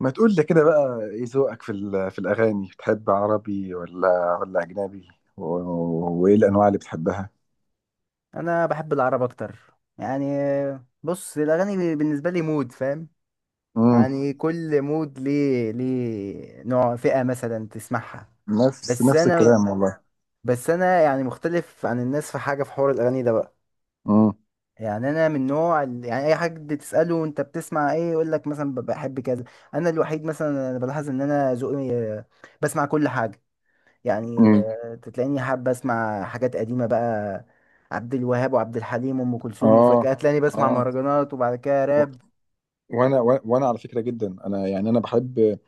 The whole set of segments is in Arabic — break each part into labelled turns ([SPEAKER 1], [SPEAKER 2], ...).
[SPEAKER 1] ما تقول لي كده بقى، ايه ذوقك في الاغاني بتحب عربي ولا اجنبي وايه الانواع اللي بتحبها؟
[SPEAKER 2] انا بحب العرب اكتر، يعني. بص، الاغاني بالنسبه لي مود، فاهم؟
[SPEAKER 1] امم
[SPEAKER 2] يعني كل مود ليه نوع، فئه مثلا تسمعها.
[SPEAKER 1] نفس
[SPEAKER 2] بس
[SPEAKER 1] نفس
[SPEAKER 2] انا
[SPEAKER 1] الكلام والله.
[SPEAKER 2] بس انا يعني مختلف عن الناس في حاجه، في حوار الاغاني ده بقى.
[SPEAKER 1] امم
[SPEAKER 2] يعني انا من نوع يعني اي حد تساله انت بتسمع ايه، يقول لك مثلا بحب كذا. انا الوحيد مثلا، انا بلاحظ ان انا ذوقي بسمع كل حاجه. يعني
[SPEAKER 1] امم
[SPEAKER 2] تلاقيني حابة اسمع حاجات قديمة بقى، عبد الوهاب وعبد الحليم وام كلثوم،
[SPEAKER 1] اه.
[SPEAKER 2] وفجأة تلاقيني بسمع
[SPEAKER 1] اه.
[SPEAKER 2] مهرجانات وبعد كده
[SPEAKER 1] و-
[SPEAKER 2] راب.
[SPEAKER 1] وانا على فكره، جدا انا يعني انا بحب.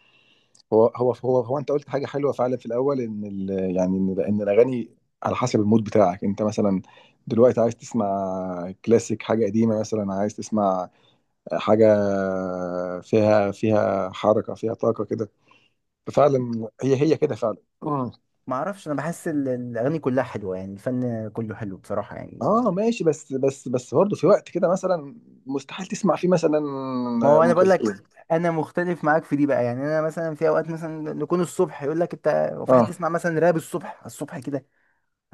[SPEAKER 1] هو انت قلت حاجه حلوه فعلا في الاول، ان ال يعني ان ان الاغاني على حسب المود بتاعك انت. مثلا دلوقتي عايز تسمع كلاسيك، حاجه قديمه، مثلا عايز تسمع حاجة فيها حركة، فيها طاقة كده. ففعلا هي كده فعلا. مم.
[SPEAKER 2] ما اعرفش، انا بحس الاغاني كلها حلوة، يعني الفن كله حلو بصراحة يعني.
[SPEAKER 1] اه ماشي، بس بس برضه في وقت كده مثلا مستحيل تسمع فيه مثلا
[SPEAKER 2] ما هو انا
[SPEAKER 1] ام
[SPEAKER 2] بقول لك
[SPEAKER 1] كلثوم.
[SPEAKER 2] انا مختلف معاك في دي بقى. يعني انا مثلا في اوقات مثلا نكون الصبح، يقول لك انت هو في حد
[SPEAKER 1] اه.
[SPEAKER 2] يسمع مثلا راب الصبح؟ الصبح كده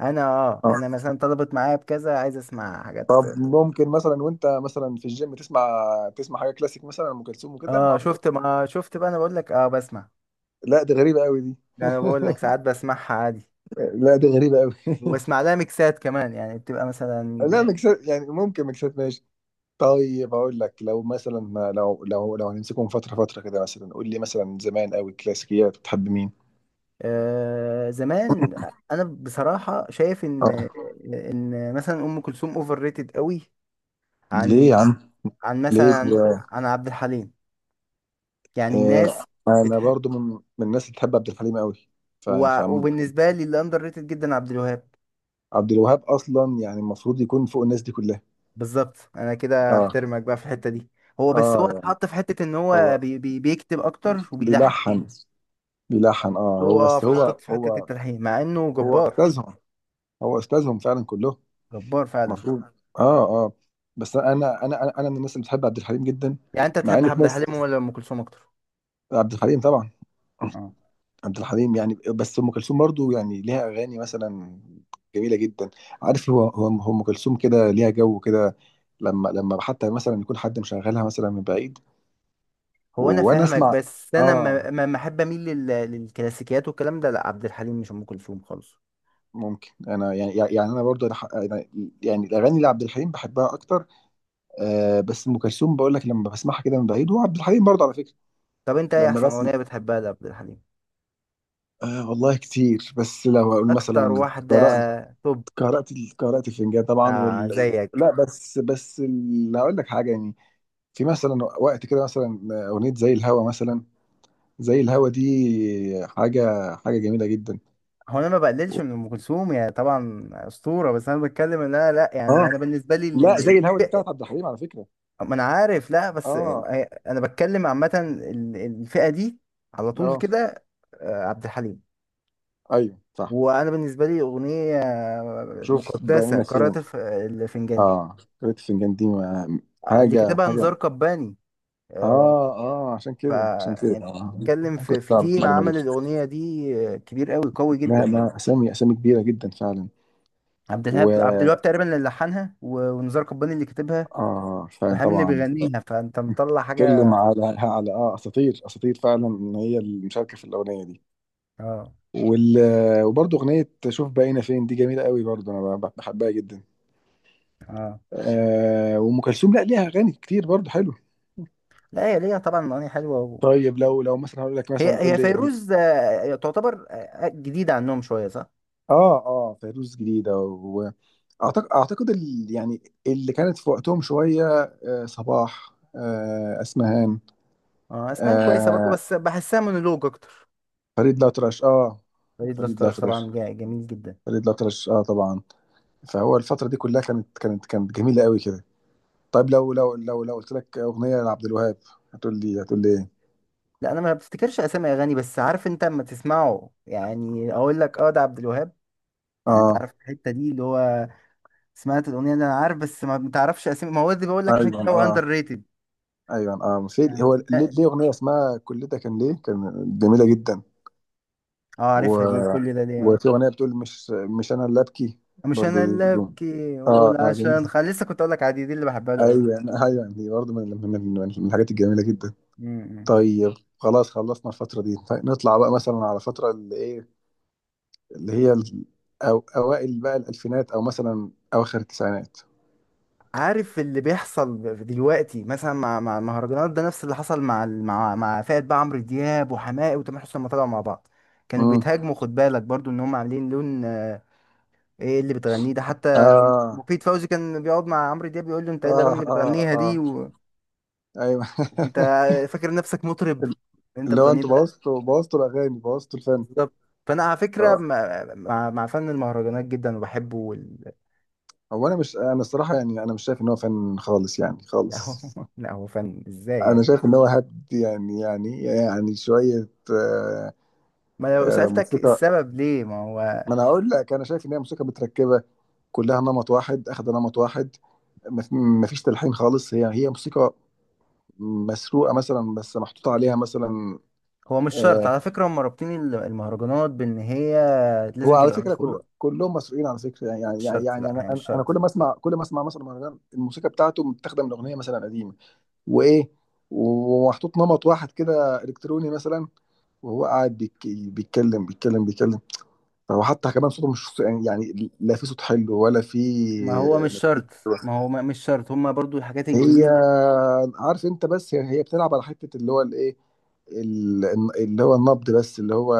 [SPEAKER 2] انا اه
[SPEAKER 1] اه.
[SPEAKER 2] انا مثلا طلبت معايا بكذا، عايز اسمع حاجات.
[SPEAKER 1] طب ممكن مثلا وانت مثلا في الجيم تسمع، تسمع حاجه كلاسيك مثلا ام كلثوم وكده؟ ما
[SPEAKER 2] اه،
[SPEAKER 1] اعتقد.
[SPEAKER 2] شفت، ما شفت بقى؟ انا بقول لك اه بسمع.
[SPEAKER 1] لا دي غريبه قوي دي.
[SPEAKER 2] ده انا بقول لك ساعات بسمعها عادي،
[SPEAKER 1] لا دي غريبه قوي.
[SPEAKER 2] واسمع لها ميكسات كمان، يعني بتبقى
[SPEAKER 1] لا
[SPEAKER 2] مثلا.
[SPEAKER 1] ميكسات يعني ممكن، ميكسات ماشي. طيب اقول لك، لو مثلا لو هنمسكهم فتره فتره كده، مثلا قول لي مثلا زمان قوي كلاسيكيات بتحب مين؟
[SPEAKER 2] آه، زمان. انا بصراحه شايف
[SPEAKER 1] اه.
[SPEAKER 2] ان، ان مثلا ام كلثوم اوفر ريتد قوي،
[SPEAKER 1] ليه
[SPEAKER 2] عن،
[SPEAKER 1] يا عم؟
[SPEAKER 2] عن
[SPEAKER 1] ليه؟
[SPEAKER 2] مثلا عن عبد الحليم. يعني
[SPEAKER 1] آه
[SPEAKER 2] الناس
[SPEAKER 1] انا
[SPEAKER 2] بتح...
[SPEAKER 1] برضو من من الناس اللي بتحب عبد الحليم قوي. ف ف-
[SPEAKER 2] وبالنسبه لي اللي اندر ريتد جدا عبد الوهاب.
[SPEAKER 1] عبد الوهاب اصلا يعني المفروض يكون فوق الناس دي كلها.
[SPEAKER 2] بالظبط، انا كده
[SPEAKER 1] اه.
[SPEAKER 2] احترمك بقى في الحته دي. هو بس هو
[SPEAKER 1] اه يعني.
[SPEAKER 2] اتحط في حته ان هو
[SPEAKER 1] هو
[SPEAKER 2] بيكتب اكتر وبيلحن.
[SPEAKER 1] بيلحن. بيلحن اه، هو
[SPEAKER 2] حطوه
[SPEAKER 1] بس
[SPEAKER 2] في
[SPEAKER 1] هو
[SPEAKER 2] حطيت في حته
[SPEAKER 1] هو
[SPEAKER 2] التلحين، مع انه
[SPEAKER 1] هو
[SPEAKER 2] جبار.
[SPEAKER 1] استاذهم. هو استاذهم فعلا كلهم
[SPEAKER 2] جبار فعلا.
[SPEAKER 1] المفروض. اه. اه. بس انا، أنا من الناس اللي بتحب عبد الحليم جدا،
[SPEAKER 2] يعني انت
[SPEAKER 1] مع
[SPEAKER 2] تحب
[SPEAKER 1] ان في
[SPEAKER 2] عبد
[SPEAKER 1] ناس.
[SPEAKER 2] الحليم ولا ام كلثوم اكتر؟
[SPEAKER 1] عبد الحليم طبعا.
[SPEAKER 2] اه.
[SPEAKER 1] عبد الحليم يعني، بس ام كلثوم برضو يعني ليها اغاني مثلا جميله جدا. عارف، هو هو هو ام كلثوم كده ليها جو كده لما حتى مثلا يكون حد مشغلها مثلا من بعيد.
[SPEAKER 2] هو انا
[SPEAKER 1] وانا اه
[SPEAKER 2] فاهمك،
[SPEAKER 1] اسمع.
[SPEAKER 2] بس انا
[SPEAKER 1] اه.
[SPEAKER 2] ما احب اميل للكلاسيكيات، والكلام ده لا، عبد الحليم مش ام كلثوم خالص.
[SPEAKER 1] ممكن انا يعني، يعني انا برضو أنا يعني الاغاني لعبد الحليم بحبها اكتر. آه، بس ام كلثوم بقول لك لما بسمعها كده من بعيد، وعبد الحليم برضو على فكره
[SPEAKER 2] طب انت ايه
[SPEAKER 1] لما
[SPEAKER 2] احسن
[SPEAKER 1] بسمع.
[SPEAKER 2] اغنيه بتحبها لعبد الحليم؟
[SPEAKER 1] آه والله كتير، بس لو اقول
[SPEAKER 2] اكتر
[SPEAKER 1] مثلا
[SPEAKER 2] واحده،
[SPEAKER 1] قراءة،
[SPEAKER 2] توب.
[SPEAKER 1] قارئة الفنجان طبعا،
[SPEAKER 2] آه،
[SPEAKER 1] وال...
[SPEAKER 2] زيك.
[SPEAKER 1] لا بس بس ال... هقول لك حاجه يعني. في مثلا وقت كده مثلا اغنيه زي الهوا مثلا. زي الهوا دي حاجه، جميله جدا.
[SPEAKER 2] هو انا ما بقللش من ام كلثوم، يا طبعا اسطوره، بس انا بتكلم ان انا لا يعني
[SPEAKER 1] اه
[SPEAKER 2] انا بالنسبه لي
[SPEAKER 1] لا، زي الهوا دي بتاعت
[SPEAKER 2] الفئة-.
[SPEAKER 1] عبد الحليم على فكره.
[SPEAKER 2] ما انا عارف، لا، بس
[SPEAKER 1] اه.
[SPEAKER 2] انا بتكلم عامه الفئه دي، على طول
[SPEAKER 1] اه.
[SPEAKER 2] كده، آه، عبد الحليم.
[SPEAKER 1] ايوه صح.
[SPEAKER 2] وانا بالنسبه لي اغنيه
[SPEAKER 1] شوف
[SPEAKER 2] مقدسه
[SPEAKER 1] بقينا فين.
[SPEAKER 2] قارئة الفنجان دي.
[SPEAKER 1] اه، قارئة الفنجان دي ما...
[SPEAKER 2] آه، اللي
[SPEAKER 1] حاجه،
[SPEAKER 2] كتبها نزار قباني. آه،
[SPEAKER 1] اه. اه
[SPEAKER 2] ف،
[SPEAKER 1] عشان كده،
[SPEAKER 2] يعني
[SPEAKER 1] اه
[SPEAKER 2] بتتكلم
[SPEAKER 1] ما
[SPEAKER 2] في
[SPEAKER 1] كنتش
[SPEAKER 2] في
[SPEAKER 1] اعرف
[SPEAKER 2] تيم
[SPEAKER 1] المعلومه دي.
[SPEAKER 2] عمل الاغنيه دي، آه، كبير قوي قوي
[SPEAKER 1] لا
[SPEAKER 2] جدا يعني.
[SPEAKER 1] لا، اسامي كبيره جدا فعلا.
[SPEAKER 2] عبد الوهاب
[SPEAKER 1] و
[SPEAKER 2] تقريبا اللي لحنها، ونزار قباني اللي كتبها،
[SPEAKER 1] اه فعلا
[SPEAKER 2] الحامي اللي
[SPEAKER 1] طبعا.
[SPEAKER 2] بيغنيها. فانت مطلع
[SPEAKER 1] بتتكلم
[SPEAKER 2] حاجه.
[SPEAKER 1] على اه اساطير، فعلا ان هي المشاركه في الاغنيه دي.
[SPEAKER 2] اه،
[SPEAKER 1] وال... وبرضه اغنيه شوف بقينا فين دي جميله قوي برضه، انا بحبها جدا.
[SPEAKER 2] اه.
[SPEAKER 1] آه، وام كلثوم لا ليها اغاني كتير برضه حلو.
[SPEAKER 2] لا، هي ليها طبعا اغاني حلوه و...
[SPEAKER 1] طيب لو مثلا هقول لك مثلا
[SPEAKER 2] هي
[SPEAKER 1] قول
[SPEAKER 2] هي
[SPEAKER 1] لي
[SPEAKER 2] فيروز تعتبر جديده عنهم شويه، صح؟
[SPEAKER 1] اه. اه فيروز جديده، واعتقد ال... يعني اللي كانت في وقتهم شويه. آه صباح، آه اسمهان،
[SPEAKER 2] اه، اسنان كويسه برضه،
[SPEAKER 1] آه
[SPEAKER 2] بس بحسها مونولوج اكتر.
[SPEAKER 1] فريد الأطرش. اه
[SPEAKER 2] فريد
[SPEAKER 1] فريد
[SPEAKER 2] الأطرش
[SPEAKER 1] الأطرش.
[SPEAKER 2] طبعا جميل جدا.
[SPEAKER 1] فريد الأطرش اه طبعا. فهو الفترة دي كلها كانت كانت جميلة قوي كده. طيب لو لو قلت لك أغنية لعبد الوهاب هتقول لي إيه؟
[SPEAKER 2] لا انا ما بفتكرش اسامي اغاني، بس عارف، انت اما تسمعه يعني اقول لك اه ده عبد الوهاب. يعني انت
[SPEAKER 1] آه.
[SPEAKER 2] عارف الحته دي، اللي هو سمعت الاغنيه دي انا عارف، بس ما بتعرفش اسامي. ما هو دي بقول لك عشان
[SPEAKER 1] أيوه
[SPEAKER 2] كده هو
[SPEAKER 1] آه.
[SPEAKER 2] اندر ريتد.
[SPEAKER 1] أيوه آه، في هو
[SPEAKER 2] يعني
[SPEAKER 1] ليه،
[SPEAKER 2] لا-
[SPEAKER 1] ليه أغنية اسمها كل ده كان ليه، كان جميلة جدا.
[SPEAKER 2] اه،
[SPEAKER 1] و
[SPEAKER 2] عارفها دي، كل ده ليه، آه.
[SPEAKER 1] وفي أغنية بتقول مش أنا اللي أبكي،
[SPEAKER 2] مش انا
[SPEAKER 1] برضه دي
[SPEAKER 2] اللي
[SPEAKER 1] بدون.
[SPEAKER 2] ابكي
[SPEAKER 1] آه.
[SPEAKER 2] واقول
[SPEAKER 1] آه
[SPEAKER 2] عشان
[SPEAKER 1] جميلة.
[SPEAKER 2] لسه كنت اقول لك عادي دي اللي بحبها له
[SPEAKER 1] أيوه. أيوه دي برضه من من الحاجات الجميلة جدا.
[SPEAKER 2] قوي.
[SPEAKER 1] طيب خلاص خلصنا الفترة دي، طيب نطلع بقى مثلا على فترة اللي إيه، اللي هي ال- أو أوائل بقى الألفينات، أو مثلا أواخر التسعينات.
[SPEAKER 2] عارف اللي بيحصل دلوقتي مثلا مع المهرجانات، ده نفس اللي حصل مع فئة بقى عمرو دياب وحماقي وتامر حسني لما طلعوا مع بعض، كانوا
[SPEAKER 1] امم
[SPEAKER 2] بيتهاجموا. خد بالك برضو ان هم عاملين لون، آه، ايه اللي بتغنيه ده حتى.
[SPEAKER 1] آه.
[SPEAKER 2] مفيد فوزي كان بيقعد مع عمرو دياب بيقول له انت ايه
[SPEAKER 1] آه.
[SPEAKER 2] الاغاني اللي
[SPEAKER 1] آه.
[SPEAKER 2] بتغنيها دي
[SPEAKER 1] آه.
[SPEAKER 2] و...
[SPEAKER 1] أيوه.
[SPEAKER 2] وانت فاكر نفسك مطرب، انت
[SPEAKER 1] اللي هو
[SPEAKER 2] بتغنيه
[SPEAKER 1] أنتوا
[SPEAKER 2] ده.
[SPEAKER 1] بوظتوا الأغاني، بوظتوا الفن.
[SPEAKER 2] بالظبط. فانا على فكرة
[SPEAKER 1] آه.
[SPEAKER 2] مع مع فن المهرجانات جدا وبحبه وال...
[SPEAKER 1] هو أنا مش، أنا الصراحة يعني أنا مش شايف إن هو فن خالص يعني،
[SPEAKER 2] لا هو،
[SPEAKER 1] خالص.
[SPEAKER 2] فن ازاي
[SPEAKER 1] أنا
[SPEAKER 2] يعني؟
[SPEAKER 1] شايف إن هو هبد يعني، شوية آه.
[SPEAKER 2] ما لو
[SPEAKER 1] آه،
[SPEAKER 2] سألتك
[SPEAKER 1] موسيقى.
[SPEAKER 2] السبب ليه؟ ما هو
[SPEAKER 1] ما أنا هقول لك، أنا شايف إن هي موسيقى متركبة، كلها نمط واحد، أخد نمط واحد، ما فيش تلحين خالص. هي موسيقى مسروقه مثلا، بس محطوط عليها مثلا.
[SPEAKER 2] هو مش شرط
[SPEAKER 1] آه.
[SPEAKER 2] على فكرة. هم رابطين المهرجانات بإن هي
[SPEAKER 1] هو
[SPEAKER 2] لازم
[SPEAKER 1] على
[SPEAKER 2] تبقى
[SPEAKER 1] فكره كل
[SPEAKER 2] مسروقة.
[SPEAKER 1] مسروقين على فكره يعني،
[SPEAKER 2] مش شرط، لا
[SPEAKER 1] انا
[SPEAKER 2] هي مش
[SPEAKER 1] انا أنا
[SPEAKER 2] شرط.
[SPEAKER 1] كل ما اسمع مثلا مهرجان، الموسيقى بتاعته متاخده من اغنيه مثلا قديمه، وايه ومحطوط نمط واحد كده الكتروني مثلا، وهو قاعد بيك بيتكلم. هو حتى كمان صوته مش، يعني لا في صوت حلو ولا في.
[SPEAKER 2] ما هو مش شرط. ما- هو مش شرط هم برضو الحاجات
[SPEAKER 1] هي
[SPEAKER 2] الجديدة.
[SPEAKER 1] عارف انت، بس هي بتلعب على حته اللي هو الايه، ال- اللي هو النبض، بس اللي هو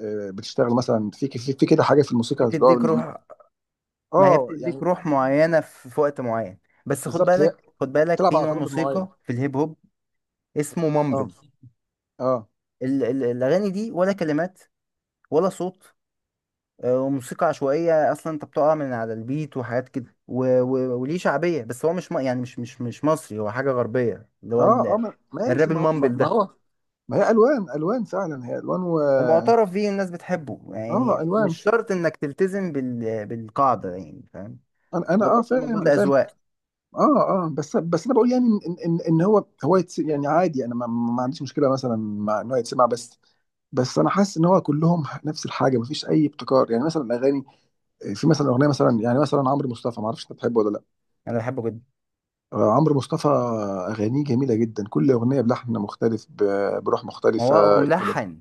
[SPEAKER 1] آه، بتشتغل مثلا في كده حاجه في الموسيقى اللي هو
[SPEAKER 2] بتديك روح. ما هي
[SPEAKER 1] اه
[SPEAKER 2] بتديك
[SPEAKER 1] يعني.
[SPEAKER 2] روح معينة في وقت معين. بس خد
[SPEAKER 1] بالظبط، هي
[SPEAKER 2] بالك، خد بالك،
[SPEAKER 1] بتلعب
[SPEAKER 2] في
[SPEAKER 1] على
[SPEAKER 2] نوع
[SPEAKER 1] تردد معين.
[SPEAKER 2] موسيقى في الهيب هوب اسمه
[SPEAKER 1] اه.
[SPEAKER 2] مامبل.
[SPEAKER 1] اه.
[SPEAKER 2] الأغاني دي، ولا كلمات، ولا صوت. آه، وموسيقى عشوائية أصلا. أنت بتقع من على البيت وحاجات كده و... و... وليه شعبية. بس هو مش م... يعني مش مش مش مصري، هو حاجة غربية اللي هو
[SPEAKER 1] اه.
[SPEAKER 2] ال...
[SPEAKER 1] اه ماشي،
[SPEAKER 2] الراب
[SPEAKER 1] ما هو ما
[SPEAKER 2] المامبل
[SPEAKER 1] ما
[SPEAKER 2] ده.
[SPEAKER 1] هو. ما هي الوان، فعلا هي الوان. و
[SPEAKER 2] ومعترف بيه، الناس بتحبه،
[SPEAKER 1] اه
[SPEAKER 2] يعني مش
[SPEAKER 1] الوان.
[SPEAKER 2] شرط إنك تلتزم بالقاعدة يعني فاهم.
[SPEAKER 1] انا انا
[SPEAKER 2] هو
[SPEAKER 1] اه
[SPEAKER 2] برضه الموضوع
[SPEAKER 1] فاهم، انا
[SPEAKER 2] ده
[SPEAKER 1] فاهم.
[SPEAKER 2] أذواق.
[SPEAKER 1] اه. اه بس انا بقول يعني ان إن هو يتس يعني عادي انا ما عنديش مشكله مثلا مع ان هو يتسمع، بس بس انا حاسس ان هو كلهم نفس الحاجه، مفيش اي ابتكار، يعني مثلا الاغاني في مثلا اغنيه مثلا يعني مثلا عمرو مصطفى، ما اعرفش انت بتحبه ولا لا.
[SPEAKER 2] أنا بحبه جدا.
[SPEAKER 1] آه، عمرو مصطفى اغانيه جميله جدا، كل اغنيه بلحن مختلف، بروح
[SPEAKER 2] ما
[SPEAKER 1] مختلفه
[SPEAKER 2] هو هو
[SPEAKER 1] كده.
[SPEAKER 2] ملحن.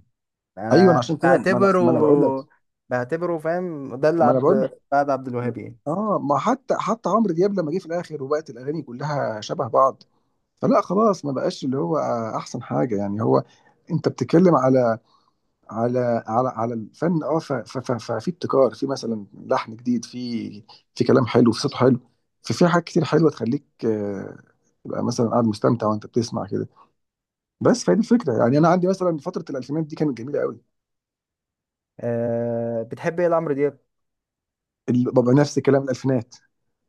[SPEAKER 1] ايوه، أنا
[SPEAKER 2] أنا
[SPEAKER 1] عشان كده، ما انا ما انا بقول لك
[SPEAKER 2] بعتبره، فاهم، ده اللي
[SPEAKER 1] ما انا بقول لك
[SPEAKER 2] بعد عبد الوهاب يعني.
[SPEAKER 1] اه. ما حتى عمرو دياب لما جه في الاخر وبقت الاغاني كلها شبه بعض، فلا خلاص، ما بقاش اللي هو احسن حاجه يعني. هو انت بتتكلم على على الفن، اه ففي ابتكار، في مثلا لحن جديد، في كلام حلو، في صوت حلو، في حاجات كتير حلوه تخليك آه، تبقى مثلا قاعد مستمتع وانت بتسمع كده. بس فهي دي الفكره يعني، انا عندي مثلا فتره الالفينات دي كانت جميله قوي.
[SPEAKER 2] بتحب إيه لعمرو دياب؟
[SPEAKER 1] بابا نفس الكلام، الالفينات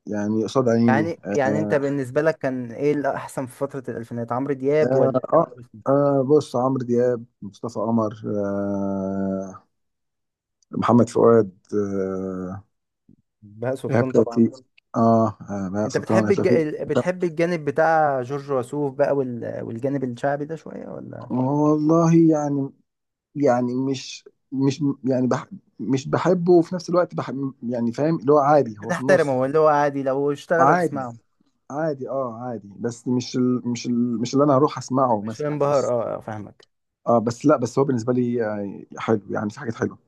[SPEAKER 1] يعني قصاد عيني.
[SPEAKER 2] يعني انت
[SPEAKER 1] آه.
[SPEAKER 2] بالنسبة لك كان ايه الاحسن في فترة الالفينات، عمرو دياب
[SPEAKER 1] آه,
[SPEAKER 2] ولا تامر
[SPEAKER 1] آه,
[SPEAKER 2] حسني؟
[SPEAKER 1] آه بص، عمرو دياب، مصطفى قمر آه، محمد فؤاد آه،
[SPEAKER 2] بهاء
[SPEAKER 1] ايهاب
[SPEAKER 2] سلطان طبعا.
[SPEAKER 1] توفيق. اه آه، بهاء
[SPEAKER 2] انت
[SPEAKER 1] سلطان،
[SPEAKER 2] بتحب
[SPEAKER 1] ايهاب توفيق.
[SPEAKER 2] بتحب الجانب بتاع جورج وسوف بقى وال... والجانب الشعبي ده شوية، ولا
[SPEAKER 1] والله يعني، يعني مش مش يعني بح مش بحبه، وفي نفس الوقت بحب يعني فاهم، اللي هو عادي هو في النص.
[SPEAKER 2] بتحترمه؟ ولا هو عادي، لو اشتغل
[SPEAKER 1] عادي.
[SPEAKER 2] هتسمعه،
[SPEAKER 1] عادي اه عادي، بس مش اللي انا هروح اسمعه
[SPEAKER 2] مش
[SPEAKER 1] مثلا
[SPEAKER 2] انبهر؟
[SPEAKER 1] بس.
[SPEAKER 2] اه، اه، فاهمك.
[SPEAKER 1] اه بس لا، بس هو بالنسبه لي آه، حلو يعني، في حاجات حلوه.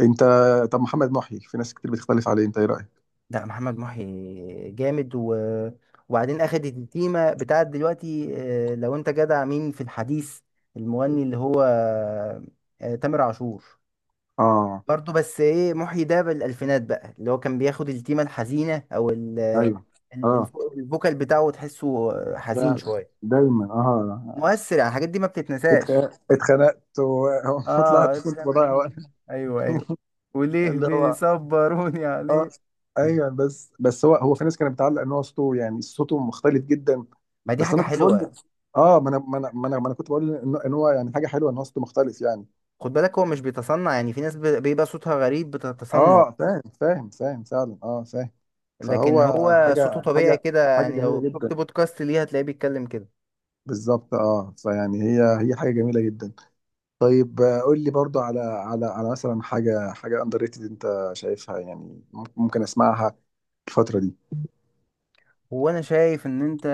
[SPEAKER 1] انت طب محمد محي، في ناس كتير بتختلف عليه، انت ايه رايك؟
[SPEAKER 2] لا، محمد محي جامد و... وبعدين اخد التيمة بتاعت دلوقتي، اه، لو انت جدع مين في الحديث، المغني اللي هو، اه، تامر عاشور.
[SPEAKER 1] اه.
[SPEAKER 2] برضه، بس ايه محيي ده بالالفينات بقى، اللي هو كان بياخد التيمه الحزينه، او
[SPEAKER 1] ايوه. اه.
[SPEAKER 2] الفوكال بتاعه تحسه حزين
[SPEAKER 1] لا
[SPEAKER 2] شويه،
[SPEAKER 1] دايما اه.
[SPEAKER 2] مؤثر. يعني الحاجات دي ما بتتنساش.
[SPEAKER 1] اتخنقت
[SPEAKER 2] اه،
[SPEAKER 1] وطلعت. كنت
[SPEAKER 2] اتخانق.
[SPEAKER 1] بضيع وقت.
[SPEAKER 2] ايوه، ايوه، وليه
[SPEAKER 1] اللي هو
[SPEAKER 2] بيصبروني
[SPEAKER 1] اه
[SPEAKER 2] عليه.
[SPEAKER 1] ايوه. بس هو في ناس كانت بتعلق ان هو صوته يعني صوته مختلف جدا.
[SPEAKER 2] ما دي
[SPEAKER 1] بس
[SPEAKER 2] حاجه
[SPEAKER 1] انا كنت بقول
[SPEAKER 2] حلوه.
[SPEAKER 1] اه. ما انا ما أنا كنت بقول ان إن هو يعني حاجه حلوه ان هو صوته مختلف يعني.
[SPEAKER 2] خد بالك هو مش بيتصنع يعني. في ناس بيبقى صوتها غريب بتتصنع،
[SPEAKER 1] اه فاهم، فاهم فعلا، اه فاهم. فهو
[SPEAKER 2] لكن هو صوته
[SPEAKER 1] حاجه،
[SPEAKER 2] طبيعي كده.
[SPEAKER 1] حاجه
[SPEAKER 2] يعني
[SPEAKER 1] جميله
[SPEAKER 2] لو شفت
[SPEAKER 1] جدا.
[SPEAKER 2] بودكاست ليه، هتلاقيه بيتكلم كده.
[SPEAKER 1] بالظبط اه فيعني هي حاجه جميله جدا. طيب آه، قول لي برضو على مثلا حاجه، اندر ريتد انت شايفها يعني، ممكن اسمعها الفتره دي
[SPEAKER 2] هو انا شايف ان انت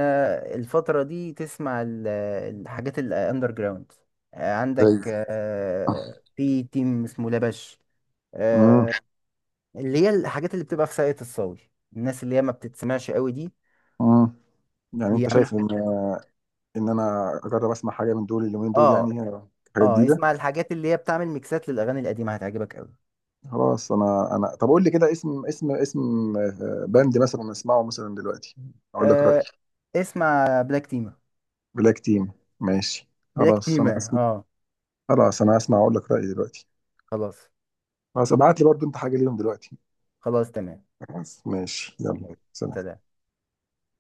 [SPEAKER 2] الفترة دي تسمع الحاجات الاندر جراوند.
[SPEAKER 1] زي.
[SPEAKER 2] عندك في تيم اسمه لبش،
[SPEAKER 1] امم
[SPEAKER 2] آه، اللي هي الحاجات اللي بتبقى في ساقية الصاوي، الناس اللي هي ما بتتسمعش قوي دي،
[SPEAKER 1] امم يعني انت
[SPEAKER 2] بيعملوا
[SPEAKER 1] شايف
[SPEAKER 2] حاجات
[SPEAKER 1] ان
[SPEAKER 2] حلوة.
[SPEAKER 1] انا اجرب اسمع حاجه من دول اليومين دول
[SPEAKER 2] اه،
[SPEAKER 1] يعني، حاجه
[SPEAKER 2] اه،
[SPEAKER 1] جديده.
[SPEAKER 2] اسمع الحاجات اللي هي بتعمل ميكسات للاغاني القديمة، هتعجبك قوي.
[SPEAKER 1] خلاص، انا انا طب قول لي كده اسم، اسم آه، باند مثلا اسمعه مثلا دلوقتي، اقول لك رايي.
[SPEAKER 2] آه، اسمع بلاك تيما.
[SPEAKER 1] بلاك تيم، ماشي.
[SPEAKER 2] بلاك
[SPEAKER 1] خلاص انا
[SPEAKER 2] تيما،
[SPEAKER 1] اسمع.
[SPEAKER 2] اه.
[SPEAKER 1] اقول لك رايي دلوقتي.
[SPEAKER 2] خلاص.
[SPEAKER 1] خلاص، ابعت لي برضو انت حاجه ليهم دلوقتي.
[SPEAKER 2] خلاص، تمام.
[SPEAKER 1] خلاص ماشي، يلا.
[SPEAKER 2] ماشي.
[SPEAKER 1] سلام.
[SPEAKER 2] سلام.